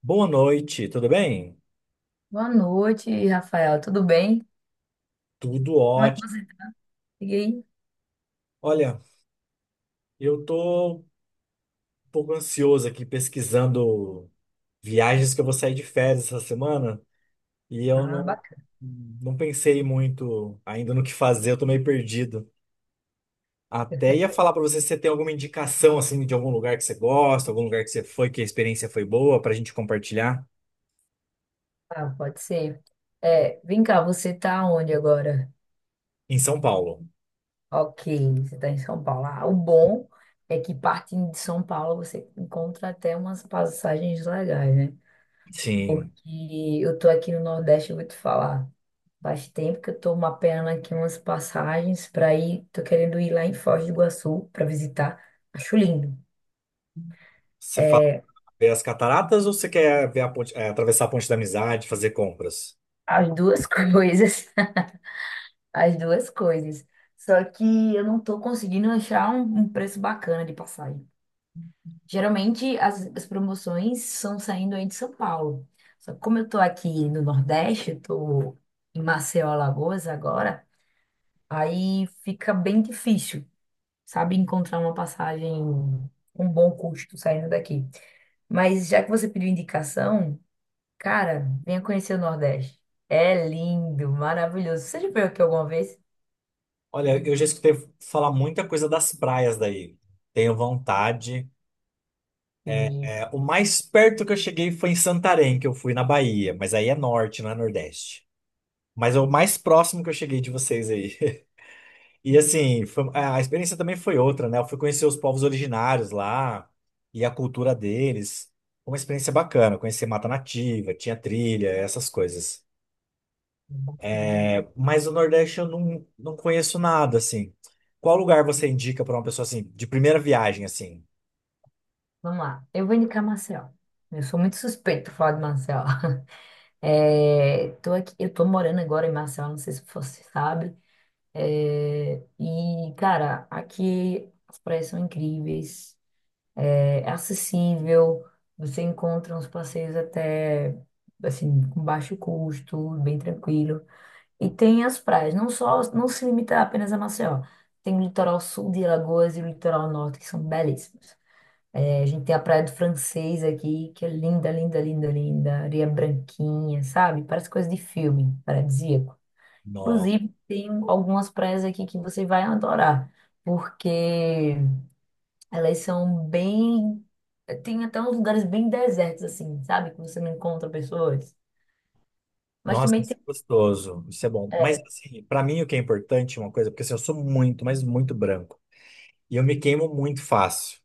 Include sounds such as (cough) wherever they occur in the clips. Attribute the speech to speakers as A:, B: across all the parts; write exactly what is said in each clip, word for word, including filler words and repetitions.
A: Boa noite, tudo bem?
B: Boa noite, Rafael. Tudo bem?
A: Tudo
B: Como é que
A: ótimo.
B: você tá? E aí?
A: Olha, eu tô um pouco ansioso aqui pesquisando viagens que eu vou sair de férias essa semana e eu
B: Ah,
A: não, não pensei muito ainda no que fazer, eu tô meio perdido. Até ia falar pra você se você tem alguma indicação assim de algum lugar que você gosta, algum lugar que você foi, que a experiência foi boa pra gente compartilhar
B: bacana, pode ser. É, vem cá, você tá onde agora?
A: em São Paulo.
B: Ok, você tá em São Paulo. Ah, o bom é que partindo de São Paulo você encontra até umas passagens legais, né?
A: Sim.
B: Porque eu tô aqui no Nordeste, eu vou te falar. Faz tempo que eu tô mapeando aqui umas passagens para ir. Tô querendo ir lá em Foz do Iguaçu para visitar. Acho lindo.
A: Você fala
B: É,
A: ver as cataratas ou você quer ver a ponte, eh, atravessar a Ponte da Amizade, fazer compras?
B: as duas (laughs) coisas. As duas coisas. Só que eu não tô conseguindo achar um, um preço bacana de passagem. Geralmente as, as promoções são saindo aí de São Paulo. Só que como eu tô aqui no Nordeste, eu tô em Maceió, Alagoas agora, aí fica bem difícil, sabe, encontrar uma passagem com bom custo saindo daqui. Mas já que você pediu indicação, cara, venha conhecer o Nordeste. É lindo, maravilhoso. Você já veio aqui alguma vez?
A: Olha, eu já escutei falar muita coisa das praias daí. Tenho vontade.
B: Sim.
A: É, o mais perto que eu cheguei foi em Santarém, que eu fui na Bahia, mas aí é norte, não é nordeste. Mas é o mais próximo que eu cheguei de vocês aí. (laughs) E assim, foi- a experiência também foi outra, né? Eu fui conhecer os povos originários lá e a cultura deles. Foi uma experiência bacana, conheci mata nativa, tinha trilha, essas coisas. É, mas o Nordeste eu não, não conheço nada, assim. Qual lugar você indica para uma pessoa assim, de primeira viagem, assim?
B: Vamos lá. Eu vou indicar Maceió. Eu sou muito suspeito falar de Maceió. (laughs) É, tô aqui, eu tô morando agora em Maceió, não sei se você sabe. É, e, cara, aqui as praias são incríveis, é, é acessível, você encontra uns passeios até, assim, com baixo custo, bem tranquilo. E tem as praias, não só, não se limita apenas a Maceió. Tem o litoral sul de Alagoas e o litoral norte, que são belíssimos. É, a gente tem a Praia do Francês aqui, que é linda, linda, linda, linda. Areia branquinha, sabe? Parece coisa de filme, paradisíaco.
A: No-
B: Inclusive, tem algumas praias aqui que você vai adorar, porque elas são bem. Tem até uns lugares bem desertos, assim, sabe? Que você não encontra pessoas. Mas
A: Nossa,
B: também
A: isso
B: tem.
A: é gostoso. Isso é bom. Mas, assim, pra mim o que é importante é uma coisa, porque assim, eu sou muito, mas muito branco. E eu me queimo muito fácil.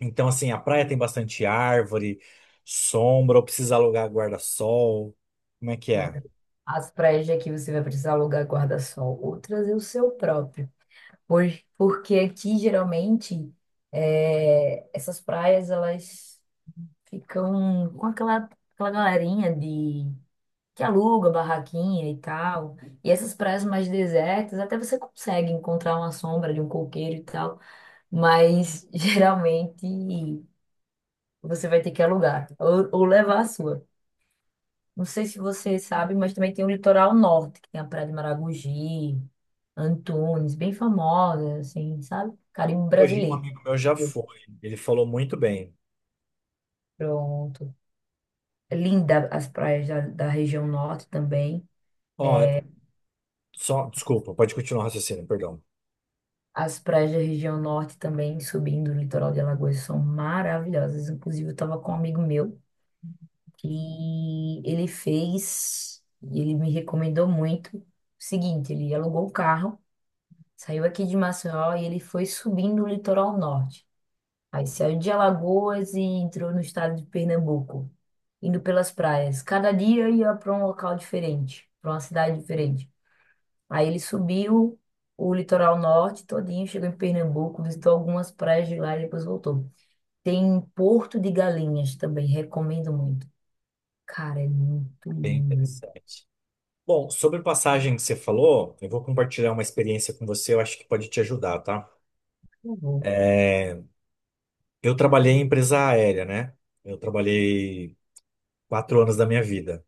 A: Então, assim, a praia tem bastante árvore, sombra, ou precisa alugar guarda-sol. Como é que
B: Então,
A: é?
B: as praias de aqui você vai precisar alugar guarda-sol, outras é o seu próprio. Por- Porque aqui, geralmente, é, essas praias, elas ficam com aquela, aquela galerinha de que aluga barraquinha e tal. E essas praias mais desertas, até você consegue encontrar uma sombra de um coqueiro e tal, mas (laughs) geralmente você vai ter que alugar ou, ou levar a sua. Não sei se você sabe, mas também tem o litoral norte, que tem a Praia de Maragogi, Antunes, bem famosa, assim, sabe? Caribe
A: Hoje um
B: brasileiro.
A: amigo meu já foi. Ele falou muito bem.
B: Pronto. É linda as praias da, da região norte também.
A: Ó, só, desculpa, pode continuar o raciocínio, perdão.
B: As praias da região norte também, subindo o litoral de Alagoas, são maravilhosas. Inclusive, eu estava com um amigo meu que ele fez, e ele me recomendou muito. O seguinte, ele alugou o carro, saiu aqui de Maceió e ele foi subindo o litoral norte. Aí saiu de Alagoas e entrou no estado de Pernambuco, indo pelas praias. Cada dia ia para um local diferente, para uma cidade diferente. Aí ele subiu o litoral norte todinho, chegou em Pernambuco, visitou algumas praias de lá e depois voltou. Tem Porto de Galinhas também, recomendo muito. Cara, é muito
A: Bem
B: lindo.
A: interessante. Bom, sobre passagem que você falou, eu vou compartilhar uma experiência com você, eu acho que pode te ajudar, tá?
B: Eu vou.
A: Eu trabalhei em empresa aérea, né? Eu trabalhei quatro anos da minha vida.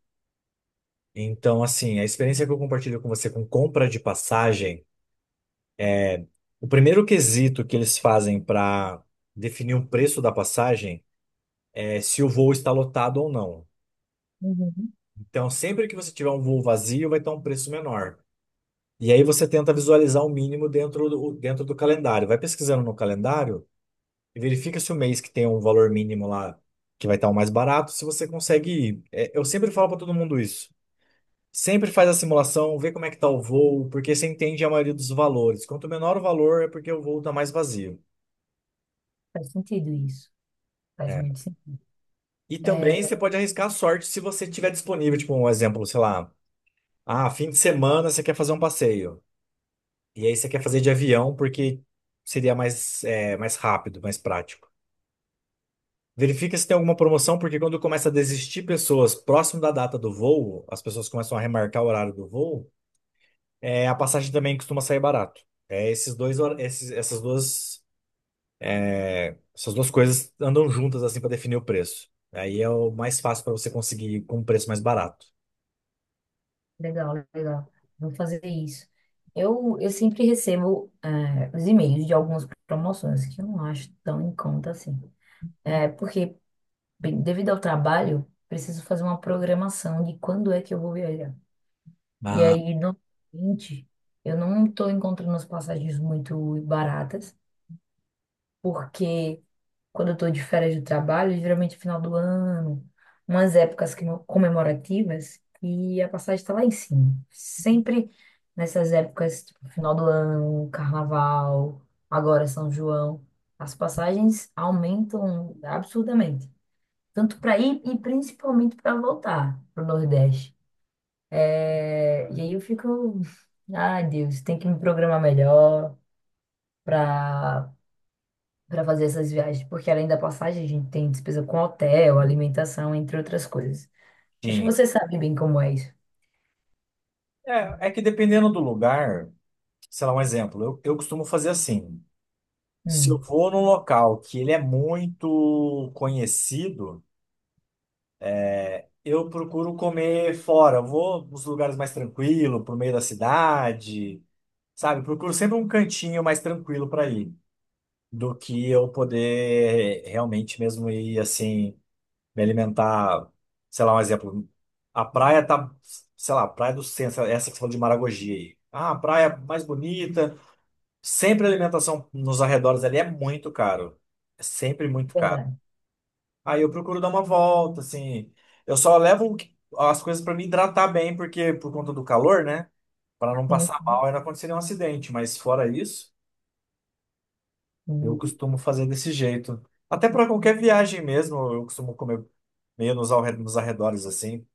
A: Então, assim, a experiência que eu compartilho com você com compra de passagem, o primeiro quesito que eles fazem para definir o preço da passagem é se o voo está lotado ou não.
B: Uhum.
A: Então, sempre que você tiver um voo vazio, vai estar um preço menor. E aí você tenta visualizar o mínimo dentro do, dentro do calendário. Vai pesquisando no calendário e verifica se o mês que tem um valor mínimo lá, que vai estar o mais barato, se você consegue ir. É, eu sempre falo para todo mundo isso. Sempre faz a simulação, vê como é que tá o voo, porque você entende a maioria dos valores. Quanto menor o valor, é porque o voo tá mais vazio.
B: Faz sentido isso. Faz
A: É.
B: muito sentido.
A: E também
B: É,
A: você pode arriscar a sorte se você tiver disponível, tipo um exemplo, sei lá, ah, fim de semana você quer fazer um passeio. E aí você quer fazer de avião porque seria mais, é, mais rápido, mais prático. Verifica se tem alguma promoção, porque quando começa a desistir pessoas próximo da data do voo, as pessoas começam a remarcar o horário do voo, é, a passagem também costuma sair barato. É esses dois, hor- esses, essas duas. É, essas duas coisas andam juntas assim para definir o preço. Aí é o mais fácil para você conseguir com um preço mais barato.
B: legal, legal. Vou fazer isso. Eu, eu sempre recebo eh, os e-mails de algumas promoções que eu não acho tão em conta assim. É, porque, bem, devido ao trabalho, preciso fazer uma programação de quando é que eu vou viajar. E
A: Ah,
B: aí, normalmente, eu não estou encontrando as passagens muito baratas, porque quando eu estou de férias de trabalho, geralmente é final do ano, umas épocas que não- comemorativas, e a passagem está lá em cima. Sempre nessas épocas, tipo, final do ano, carnaval, agora São João, as passagens aumentam absurdamente, tanto para ir e principalmente para voltar para o Nordeste. É, e aí eu fico, ai Deus, tem que me programar melhor para para fazer essas viagens, porque além da passagem a gente tem despesa com hotel, alimentação, entre outras coisas. Acho que
A: sim.
B: você sabe bem como é isso.
A: É, é que dependendo do lugar, sei lá, um exemplo, eu, eu costumo fazer assim. Se eu
B: Hum,
A: vou num local que ele é muito conhecido, eu procuro comer fora. Eu vou nos lugares mais tranquilos, pro meio da cidade, sabe? Procuro sempre um cantinho mais tranquilo para ir, do que eu poder realmente mesmo ir assim. Me alimentar, sei lá, um exemplo. A praia tá, sei lá, a Praia do Centro, essa que você falou de Maragogi aí. Ah, a praia mais bonita. Sempre a alimentação nos arredores ali é muito caro. É sempre muito caro.
B: verdade.
A: Aí eu procuro dar uma volta, assim. Eu só levo o que- as coisas para me hidratar bem, porque por conta do calor, né? Para não
B: Sim,
A: passar mal e não acontecer nenhum acidente. Mas fora isso, eu
B: sim.
A: costumo fazer desse jeito. Até para qualquer viagem mesmo, eu costumo comer meio nos arre- nos arredores, assim.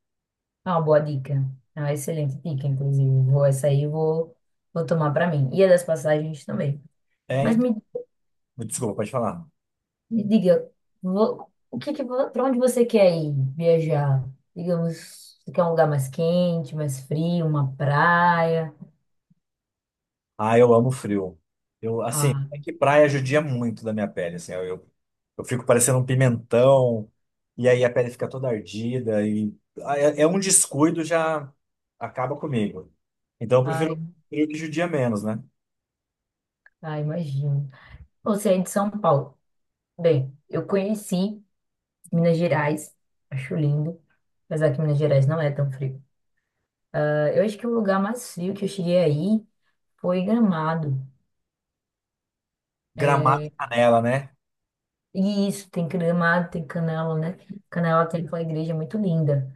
B: Ah, uma boa dica. Ah, excelente dica, inclusive. Vou essa aí, eu vou vou tomar para mim. E a das passagens também. Mas
A: É,
B: me
A: desculpa, pode falar.
B: me diga, vo- o que que, para onde você quer ir viajar? Digamos, você quer um lugar mais quente, mais frio, uma praia?
A: Ah, eu amo frio. Eu, assim,
B: Ah,
A: é que praia judia muito da minha pele, assim, eu, eu, eu fico parecendo um pimentão, e aí a pele fica toda ardida, e ah, é, é um descuido já acaba comigo. Então eu prefiro
B: ai,
A: frio que judia menos, né?
B: ai, imagino. Você é de São Paulo. Bem, eu conheci Minas Gerais, acho lindo, apesar que Minas Gerais não é tão frio. Ah, eu acho que o lugar mais frio que eu cheguei aí foi Gramado.
A: Gramado e Canela, né?
B: E isso, tem Gramado, tem Canela, né? Canela tem aquela igreja muito linda.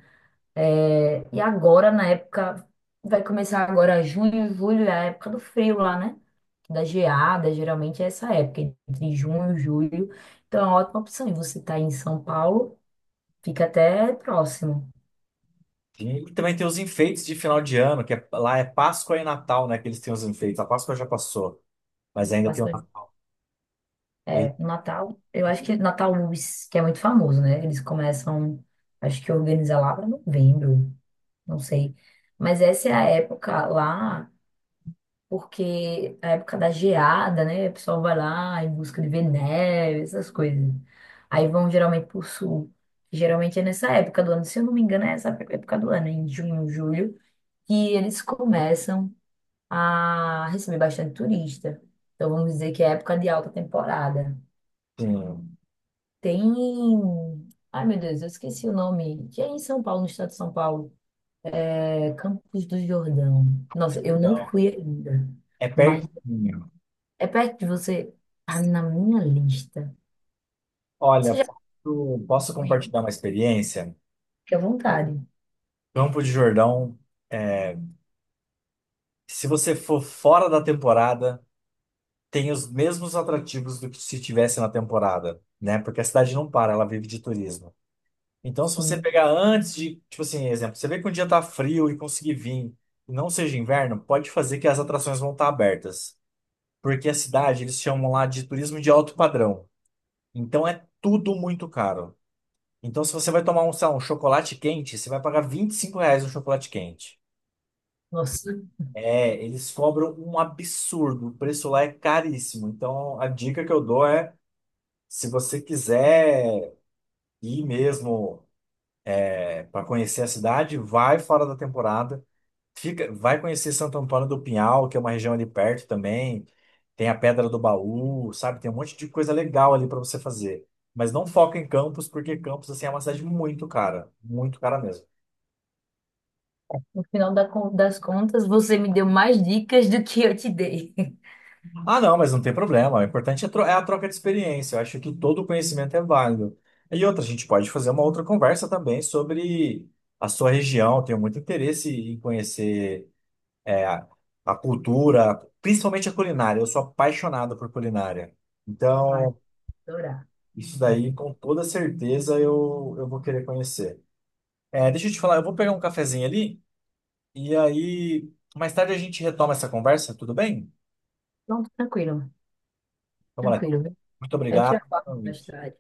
B: É, e agora, na época, vai começar agora junho, julho, é a época do frio lá, né? Da geada, geralmente é essa época, entre junho e julho. Então é uma ótima opção. E você tá em São Paulo, fica até próximo.
A: E também tem os enfeites de final de ano, que é- lá é Páscoa e Natal, né, que eles têm os enfeites. A Páscoa já passou, mas ainda tem
B: Páscoa,
A: uma...
B: é,
A: Ele,
B: no Natal, eu acho que Natal Luz, que é muito famoso, né? Eles começam, acho que organiza lá para novembro, não sei. Mas essa é a época lá porque a época da geada, né? O pessoal vai lá em busca de ver neve, essas coisas. Aí vão geralmente pro sul. Geralmente é nessa época do ano, se eu não me engano, é essa época do ano, em junho, julho, que eles começam a receber bastante turista. Então vamos dizer que é época de alta temporada.
A: tem-
B: Tem. Ai, meu Deus, eu esqueci o nome. Que é em São Paulo, no estado de São Paulo. É Campos do Jordão. Nossa, eu não
A: então,
B: fui ainda.
A: é
B: Mas
A: pertinho.
B: é perto de você. Tá na minha lista.
A: Olha,
B: Você já
A: posso, posso
B: foi, né?
A: compartilhar uma experiência?
B: Fique à vontade.
A: Campo de Jordão, é, se você for fora da temporada, tem os mesmos atrativos do que se tivesse na temporada, né? Porque a cidade não para, ela vive de turismo. Então, se você
B: Sim.
A: pegar antes de, tipo assim, exemplo, você vê que um dia tá frio e conseguir vir, e não seja inverno, pode fazer que as atrações vão estar abertas. Porque a cidade, eles chamam lá de turismo de alto padrão. Então, é tudo muito caro. Então, se você vai tomar um, sei lá, um chocolate quente, você vai pagar vinte e cinco reais no chocolate quente.
B: Nossa,
A: É, eles cobram um absurdo. O preço lá é caríssimo. Então, a dica que eu dou é, se você quiser ir mesmo para conhecer a cidade, vai fora da temporada. Fica, vai conhecer Santo Antônio do Pinhal, que é uma região ali perto também. Tem a Pedra do Baú, sabe? Tem um monte de coisa legal ali para você fazer. Mas não foca em Campos, porque Campos assim é uma cidade muito cara, muito cara mesmo.
B: no final da con- das contas, você me deu mais dicas do que eu te dei.
A: Ah, não, mas não tem problema. O importante é tro- é a troca de experiência. Eu acho que todo conhecimento é válido. E outra, a gente pode fazer uma outra conversa também sobre a sua região. Eu tenho muito interesse em conhecer é, a a cultura, principalmente a culinária. Eu sou apaixonado por culinária.
B: (laughs) Vai,
A: Então,
B: adorar.
A: isso daí, com toda certeza, eu, eu vou querer conhecer. É, deixa eu te falar, eu vou pegar um cafezinho ali e aí mais tarde a gente retoma essa conversa, tudo bem?
B: Pronto, tranquilo,
A: Então, moleque,
B: tranquilo, viu?
A: muito
B: A gente já
A: obrigado.
B: fala mais tarde.